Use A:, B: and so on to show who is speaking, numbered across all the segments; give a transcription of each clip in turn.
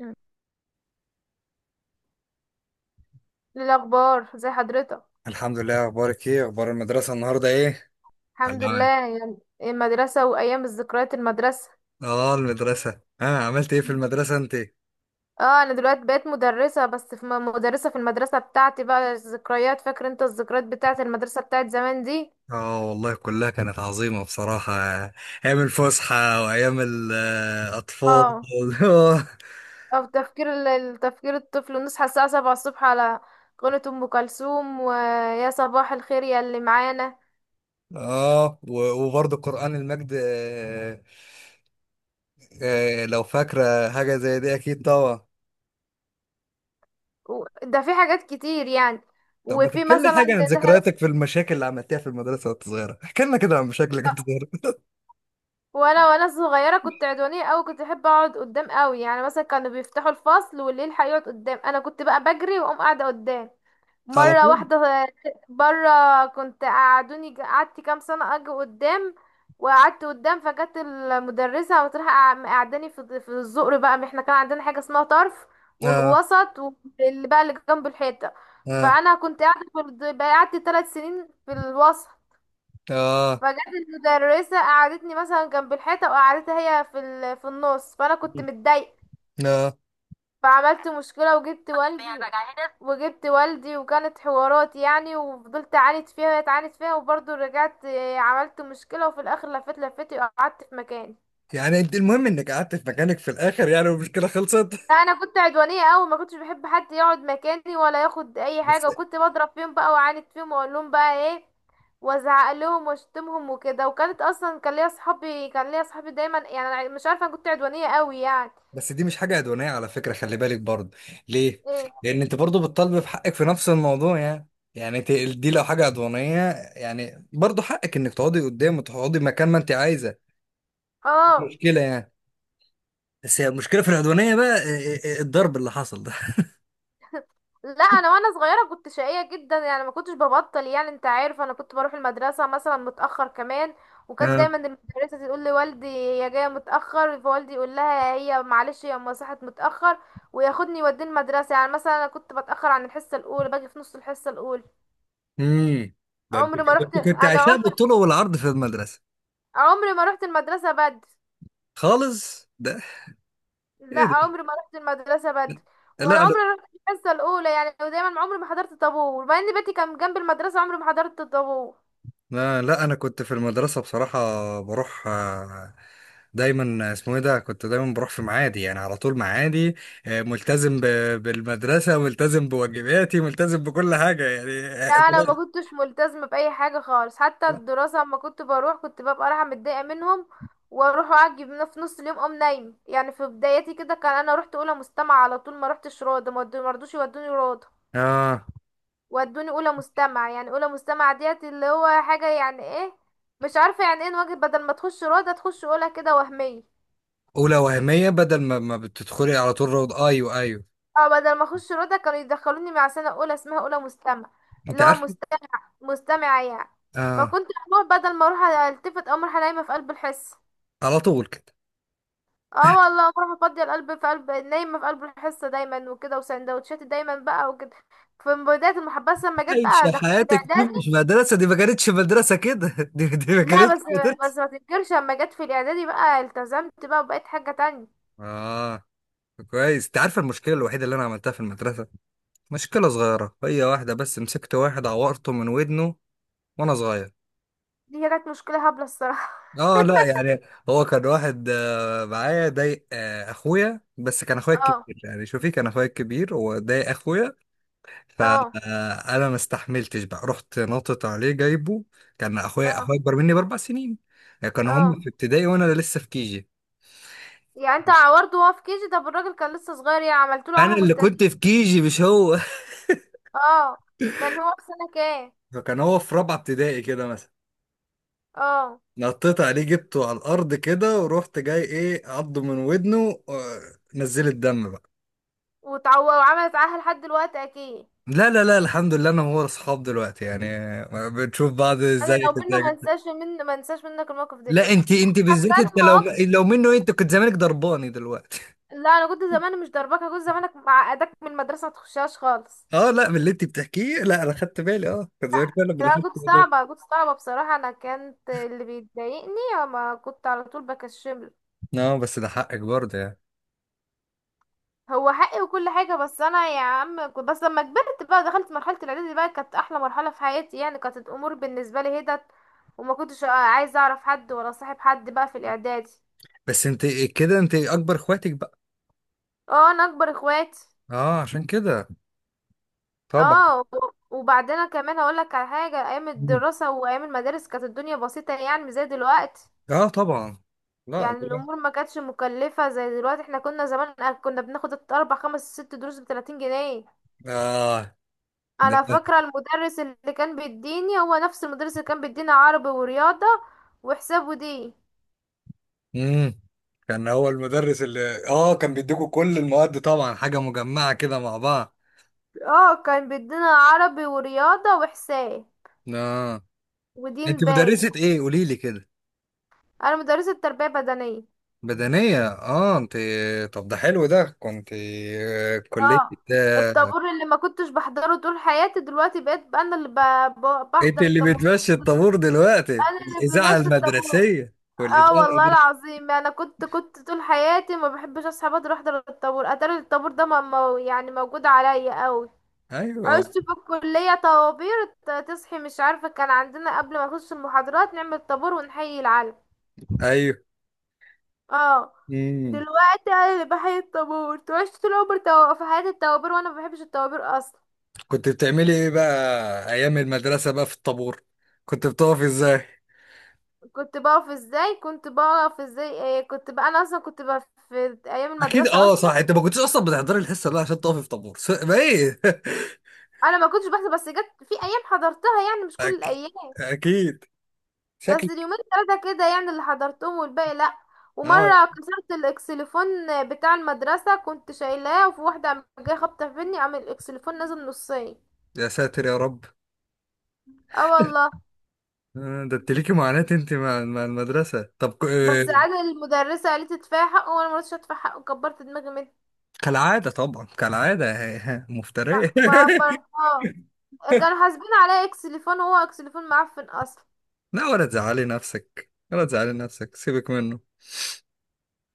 A: مم. إيه الأخبار زي حضرتك؟
B: الحمد لله، اخبارك ايه؟ اخبار المدرسه النهارده ايه
A: الحمد لله.
B: العمل؟
A: يعني إيه المدرسة وأيام الذكريات المدرسة؟
B: اه المدرسه، عملت ايه في
A: مم.
B: المدرسه انت؟
A: اه، أنا دلوقتي بقيت مدرسة، بس في مدرسة، في المدرسة بتاعتي بقى. الذكريات، فاكر انت الذكريات بتاعت المدرسة بتاعت زمان دي؟
B: اه والله كلها كانت عظيمه بصراحه. ايام الفسحه وايام الاطفال.
A: اه. أو تفكير تفكير الطفل، نصحى الساعة 7 الصبح على قناة أم كلثوم، ويا صباح الخير يا اللي معانا.
B: اه، و- وبرضه قران المجد. لو فاكره حاجه زي دي اكيد طبعا.
A: ده في حاجات كتير يعني.
B: طب ما
A: وفي
B: تحكي لنا
A: مثلا
B: حاجه عن
A: ان احنا
B: ذكرياتك في المشاكل اللي عملتها في المدرسه وانت صغيره، احكي لنا كده عن مشاكلك وانت صغيره.
A: وانا صغيره كنت عدوانيه قوي، كنت بحب اقعد قدام قوي. يعني مثلا كانوا بيفتحوا الفصل، والليل هيقعد قدام، انا كنت بقى بجري واقوم قاعده قدام
B: على
A: مره
B: طول.
A: واحده. بره. كنت قعدوني، قعدت كام سنه اجي قدام، وقعدت قدام فجت المدرسه وتروح قعداني في الزقر. بقى احنا كان عندنا حاجه اسمها طرف
B: اه،
A: ووسط، واللي بقى اللي جنب الحيطه.
B: اه،
A: فانا كنت قاعده في بقى قعدت 3 سنين في الوسط.
B: اه،
A: فجت المدرسة، قعدتني مثلا جنب الحيطة، وقعدتها هي في ال... في النص. فأنا كنت متضايقة،
B: اه.
A: فعملت مشكلة وجبت والدي. وجبت والدي، وكانت حوارات يعني، وفضلت أعاند فيها وهي تعاند فيها، وبرضه رجعت آه، عملت مشكلة، وفي الآخر لفيت لفتي وقعدت في مكاني.
B: يعني انت المهم انك قعدت في مكانك في الاخر يعني، والمشكله خلصت.
A: لا، انا كنت عدوانيه قوي، ما كنتش بحب حد يقعد مكاني ولا ياخد اي
B: بس.
A: حاجه، وكنت بضرب فيهم بقى، واعاند فيهم، واقول لهم بقى ايه، وازعق لهم واشتمهم وكده. وكانت اصلا كان ليا صحابي، كان ليا صحابي دايما يعني، أنا مش عارفه، انا كنت عدوانيه قوي يعني.
B: دي مش حاجه عدوانيه على فكره، خلي بالك برضه. ليه؟
A: إيه.
B: لان انت برضه بتطالب بحقك في نفس الموضوع يعني. يعني انت دي لو حاجه عدوانيه، يعني برضه حقك انك تقعدي قدام وتقعدي مكان ما انت عايزه. مش
A: اه.
B: مشكله يعني. بس هي المشكله في العدوانيه بقى، اه، اه، اه، الضرب اللي حصل ده.
A: لا انا وانا صغيره كنت شقيه جدا يعني، ما كنتش ببطل. يعني انت عارف، انا كنت بروح المدرسه مثلا متاخر كمان. وكانت
B: اه.
A: دايما المدرسه تقول لي والدي هي جايه متاخر، فوالدي يقول لها هي معلش هي أما صحت متاخر، وياخدني يوديني المدرسه. يعني مثلا انا كنت بتاخر عن الحصه الاولى، باجي في نص الحصه الاولى.
B: امم. ده انت،
A: عمري ما
B: ده انت
A: رحت،
B: كنت
A: انا
B: عايشاه
A: عمري
B: بالطول والعرض في المدرسه
A: عمري ما رحت المدرسه بدري.
B: خالص ده.
A: لا
B: ايه ده؟
A: عمري ما رحت المدرسه بدري، ولا
B: لا
A: عمري رحت الحصه الاولى يعني، ودايما عمري ما حضرت طابور، مع ان بيتي كان جنب المدرسه، عمري ما حضرت الطابور.
B: لا، لا انا كنت في المدرسه بصراحه بروح. دايما اسمه ايه ده، كنت دايما بروح في معادي يعني، على طول معادي. ملتزم ب- بالمدرسه، ملتزم بواجباتي، ملتزم بكل حاجه يعني.
A: لا،
B: آه،
A: انا ما
B: طلعت-
A: كنتش ملتزمه باي حاجه خالص حتى الدراسه. اما كنت بروح، كنت ببقى رايحه متضايقه منهم، واروح اعجب في نص اليوم اقوم نايم. يعني في بدايتي كده كان، انا رحت اولى مستمع على طول، ما رحتش روضه، ما رضوش يودوني روضه،
B: اه.
A: ودوني اولى مستمع. يعني اولى مستمع ديت اللي هو حاجه يعني ايه، مش عارفه يعني ايه، نواجه بدل ما تخش روضه تخش اولى كده وهميه.
B: اولى وهميه بدل ما بتدخلي على طول روض. ايوه ايوه.
A: اه، بدل ما اخش روضه كانوا يدخلوني مع سنه اولى اسمها اولى مستمع،
B: انت
A: اللي هو
B: عارف.
A: مستمع، مستمعة يعني.
B: اه.
A: فكنت بروح بدل ما اروح التفت او اروح نايمة في قلب الحصة.
B: على طول كده.
A: اه والله، بروح افضي القلب في قلب، نايمة في قلب الحصة دايما وكده، وسندوتشاتي دايما بقى وكده. في بداية المحبسة لما جت
B: عايشة
A: بقى، دخلت
B: حياتك دي،
A: الاعدادي.
B: مش مدرسة دي، ما كانتش مدرسة كده. دي ما
A: لا
B: كانتش
A: بس،
B: مدرسة.
A: بس ما تنكرش، لما جت في الاعدادي بقى التزمت بقى، وبقيت حاجة تانية.
B: اه. كويس. انت عارف المشكله الوحيده اللي انا عملتها في المدرسه؟ مشكلة صغيرة هي، واحدة بس، مسكت واحد عورته من ودنه وأنا صغير.
A: دي كانت مشكلة هبلة الصراحة.
B: اه لا يعني، هو كان واحد معايا ضايق اخويا، بس كان اخويا
A: اه.
B: الكبير يعني، شوفي، كان اخويا الكبير وضايق اخويا،
A: اه.
B: فانا ما استحملتش بقى، رحت نطت عليه جايبه. كان اخويا،
A: اه.
B: اكبر مني باربع سنين، يعني كان
A: اه.
B: هم في ابتدائي وانا لسه في كيجي.
A: يعني انت عورته وهو في كيجي؟ طب الراجل كان لسه صغير يعني، عملت له
B: انا
A: عاهة
B: اللي كنت
A: مستديمة.
B: في كيجي مش هو.
A: اه. كان هو في سنة كام؟
B: فكان هو في رابعه ابتدائي كده مثلا،
A: اه.
B: نطيت عليه جبته على الارض كده ورحت جاي ايه عضه من ودنه. نزل الدم بقى.
A: وتعو... وعملت معاها لحد دلوقتي اكيد.
B: لا لا لا، الحمد لله انا وهو اصحاب دلوقتي يعني، بنشوف بعض
A: انا
B: ازاي
A: لو منه ما
B: كده.
A: انساش، ما انساش منك الموقف ده.
B: لا
A: لا
B: انت
A: أنا
B: بالذات
A: كان
B: انت لو،
A: مواقف.
B: لو منه انت كنت زمانك ضرباني دلوقتي.
A: لا انا كنت زمان مش ضربك، أنا كنت زمانك معقدك من المدرسه ما تخشهاش خالص.
B: اه لا، من اللي انت بتحكيه، لا انا خدت بالي، اه كان زمان فعلا من
A: لا
B: اللي
A: أنا
B: خدت
A: كنت
B: بالي.
A: صعبه، كنت صعبه بصراحه. انا كانت اللي بيضايقني اما كنت على طول بكشمله.
B: اه بس ده حقك برضه يعني.
A: هو حقي وكل حاجه، بس انا يا عم كنت، بس لما كبرت بقى دخلت مرحله الاعدادي بقى، كانت احلى مرحله في حياتي. يعني كانت الامور بالنسبه لي هدت، وما كنتش عايزه اعرف حد ولا صاحب حد بقى في الاعدادي.
B: بس انت كده انت اكبر اخواتك بقى.
A: اه انا اكبر اخواتي.
B: اه عشان كده، طبعا.
A: اه. وبعدين أنا كمان هقول لك على حاجه، ايام
B: مم.
A: الدراسه وايام المدارس كانت الدنيا بسيطه يعني، مش زي دلوقتي.
B: اه طبعا. لا
A: يعني
B: ده-
A: الامور ما كانتش مكلفه زي دلوقتي. احنا كنا زمان كنا بناخد 4 5 6 دروس ب 30 جنيه.
B: اه.
A: انا فاكره المدرس اللي كان بيديني هو نفس المدرس اللي كان بيدينا عربي ورياضه وحساب ودين.
B: امم. كان هو المدرس اللي اه كان بيديكوا كل المواد طبعا، حاجة مجمعة كده مع بعض.
A: اه كان بيدينا عربي ورياضه وحساب
B: اه.
A: ودين.
B: انت
A: باي.
B: مدرسة ايه قولي لي كده؟
A: انا مدرسه تربيه بدنيه.
B: بدنية، اه انت. طب ده حلو ده، كنت كلية.
A: اه.
B: آه.
A: الطابور اللي ما كنتش بحضره طول حياتي، دلوقتي بقيت بقى انا اللي
B: انت
A: بحضر
B: اللي
A: الطابور.
B: بتمشي الطابور دلوقتي،
A: انا اللي
B: الإذاعة
A: بمشي الطابور.
B: المدرسية
A: اه
B: والإذاعة
A: والله
B: المدرسية.
A: العظيم، انا كنت طول حياتي ما بحبش اصحى بدري احضر الطابور. اتاري الطابور ده يعني موجود عليا قوي.
B: ايوه
A: عشت في الكلية طوابير، تصحي مش عارفة، كان عندنا قبل ما نخش المحاضرات نعمل طابور ونحيي العلم.
B: ايوه.
A: اه.
B: امم.
A: دلوقتي انا اللي بحيي الطابور. عشت طول عمري في حياتي الطوابير، وانا ما بحبش الطوابير اصلا.
B: كنت بتعملي ايه بقى ايام المدرسة بقى في الطابور؟ كنت بتقف ازاي؟
A: كنت بقف ازاي، كنت بقف ازاي، إيه، كنت بقى انا اصلا كنت بقى في ايام
B: اكيد.
A: المدرسه
B: اه صح،
A: اصلا.
B: انت ما كنتش اصلا بتحضري الحصه دي عشان تقفي في طابور، س- ما ايه
A: انا ما كنتش بحضر، بس جت في ايام حضرتها يعني مش كل
B: اكيد
A: الايام.
B: اكيد.
A: بس
B: شكلك.
A: اليومين ثلاثه كده يعني اللي حضرتهم، والباقي لا.
B: اه.
A: ومره كسرت الاكسليفون بتاع المدرسه، كنت شايلاه، وفي واحده قامت جايه خبطه فيني، قام الاكسليفون نازل نصين.
B: يا ساتر يا رب.
A: اه والله.
B: ده انت ليكي معاناة انت مع المدرسة. طب ك- آه،
A: بس عاد المدرسه قالت ادفعي حقه، وانا ما رضيتش ادفع حقه، كبرت دماغي منه،
B: كالعادة طبعا، كالعادة. ها- ها،
A: ما
B: مفترية.
A: ما عبرتها. كانوا حاسبين عليا اكسليفون، وهو اكسليفون معفن اصلا.
B: لا ولا تزعلي نفسك، سيبك منه.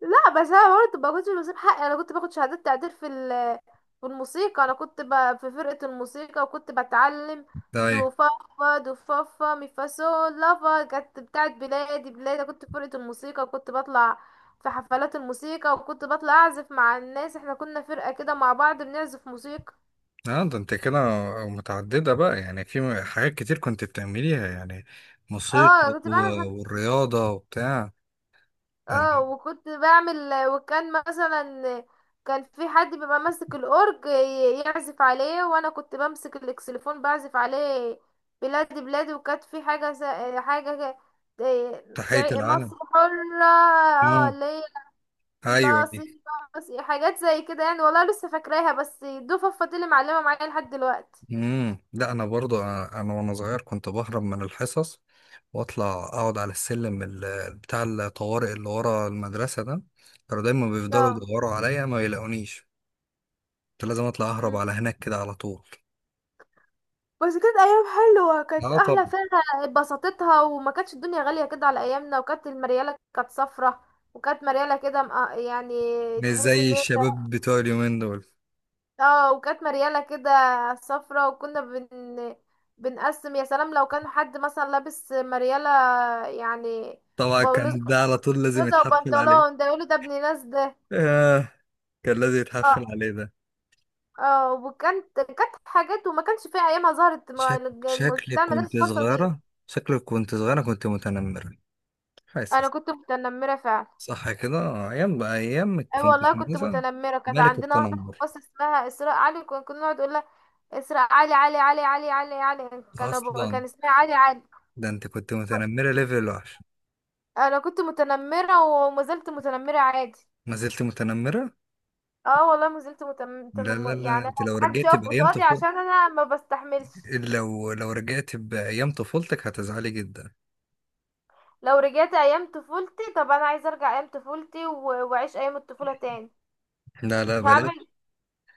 A: لا بس انا برضه ما كنتش بسيب حقي. انا كنت باخد شهادات تقدير في في الموسيقى. انا كنت ب... في فرقة الموسيقى، وكنت بتعلم
B: ده
A: دو
B: ايه؟
A: فا فا دو فا فا مي فا سول لا فا، كانت بتاعت بلادي بلادي. كنت في فرقة الموسيقى، وكنت بطلع في حفلات الموسيقى، وكنت بطلع اعزف مع الناس. احنا كنا فرقة كده مع بعض بنعزف موسيقى.
B: اه. ده انت كده متعددة بقى يعني، حاجات كتير كنت بتعمليها يعني،
A: اه
B: موسيقى
A: كنت
B: و-
A: بعمل.
B: والرياضة وبتاع. ده أنت.
A: اه وكنت بعمل. وكان مثلا كان في حد بيبقى ماسك الاورج يعزف عليه، وانا كنت بمسك الاكسليفون بعزف عليه بلادي بلادي. وكانت في حاجه س... حاجه إيه،
B: تحية العالم.
A: مصر حره، اه
B: آه.
A: اللي هي
B: ايوه دي.
A: لصيحة. حاجات زي كده يعني، والله لسه فاكراها، بس دي فضفت اللي معلمه معايا لحد دلوقتي.
B: امم. لا انا برضو، أنا وانا صغير كنت بهرب من الحصص واطلع اقعد على السلم بتاع الطوارئ اللي ورا المدرسه ده، كانوا دايما بيفضلوا
A: اه.
B: يدوروا عليا ما يلاقونيش. كنت لازم اطلع اهرب على هناك كده على طول.
A: بس كانت ايام حلوه، كانت
B: اه
A: احلى
B: طبعا.
A: فيها، اتبسطتها، وما كانتش الدنيا غاليه كده على ايامنا. وكانت المرياله كانت صفرة، وكانت مرياله كده يعني
B: مش
A: تحس
B: زي
A: ان هي،
B: الشباب بتوع اليومين دول.
A: اه وكانت مرياله كده صفرة. وكنا بنقسم يا سلام لو كان حد مثلا لابس مرياله يعني
B: طبعا
A: بلوزه،
B: كان ده على طول لازم
A: بلوزه
B: يتحفل عليه.
A: وبنطلون، ده يقولوا ده ابن ناس ده.
B: آه. كان لازم يتحفل
A: اه.
B: عليه ده.
A: اه وكانت كانت حاجات، وما كانش فيها ايامها ظهرت
B: شكلك
A: بتاع المدارس
B: كنت
A: الخاصه دي.
B: صغيره، شكلك كنت صغيره كنت متنمره.
A: انا
B: حاسس.
A: كنت متنمره فعلا.
B: صح كده. ايام بقى، ايام ما
A: اي
B: كنت
A: والله
B: في
A: كنت
B: مثلا
A: متنمره. كانت
B: ملك
A: عندنا واحده في
B: التنمر
A: الفصل اسمها اسراء علي، كنا نقعد نقول لها اسراء علي علي علي علي علي علي، كان أبو...
B: اصلا.
A: كان اسمها علي علي.
B: ده انت كنت متنمره ليفل وحش.
A: انا كنت متنمره وما زلت متنمره عادي.
B: ما زلت متنمره.
A: اه والله ما زلت متم...
B: لا لا
A: متنم...
B: لا،
A: يعني
B: انت
A: انا
B: لو
A: محدش
B: رجعت
A: يقف
B: بايام
A: قصادي
B: طفولتك،
A: عشان انا ما بستحملش.
B: لو، لو رجعت بايام طفولتك هتزعلي جدا.
A: لو رجعت ايام طفولتي، طب انا عايزه ارجع ايام طفولتي و... واعيش ايام الطفوله تاني.
B: لا لا
A: هعمل.
B: بلاش.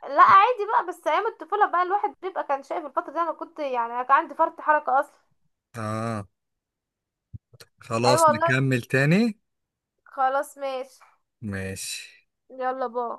A: لا عادي بقى، بس ايام الطفوله بقى الواحد بيبقى كان شايف الفتره دي، انا كنت يعني كان عندي فرط حركه اصلا.
B: اه.
A: ايوه
B: خلاص
A: والله.
B: نكمل تاني.
A: خلاص ماشي.
B: ماشي
A: يلا باي.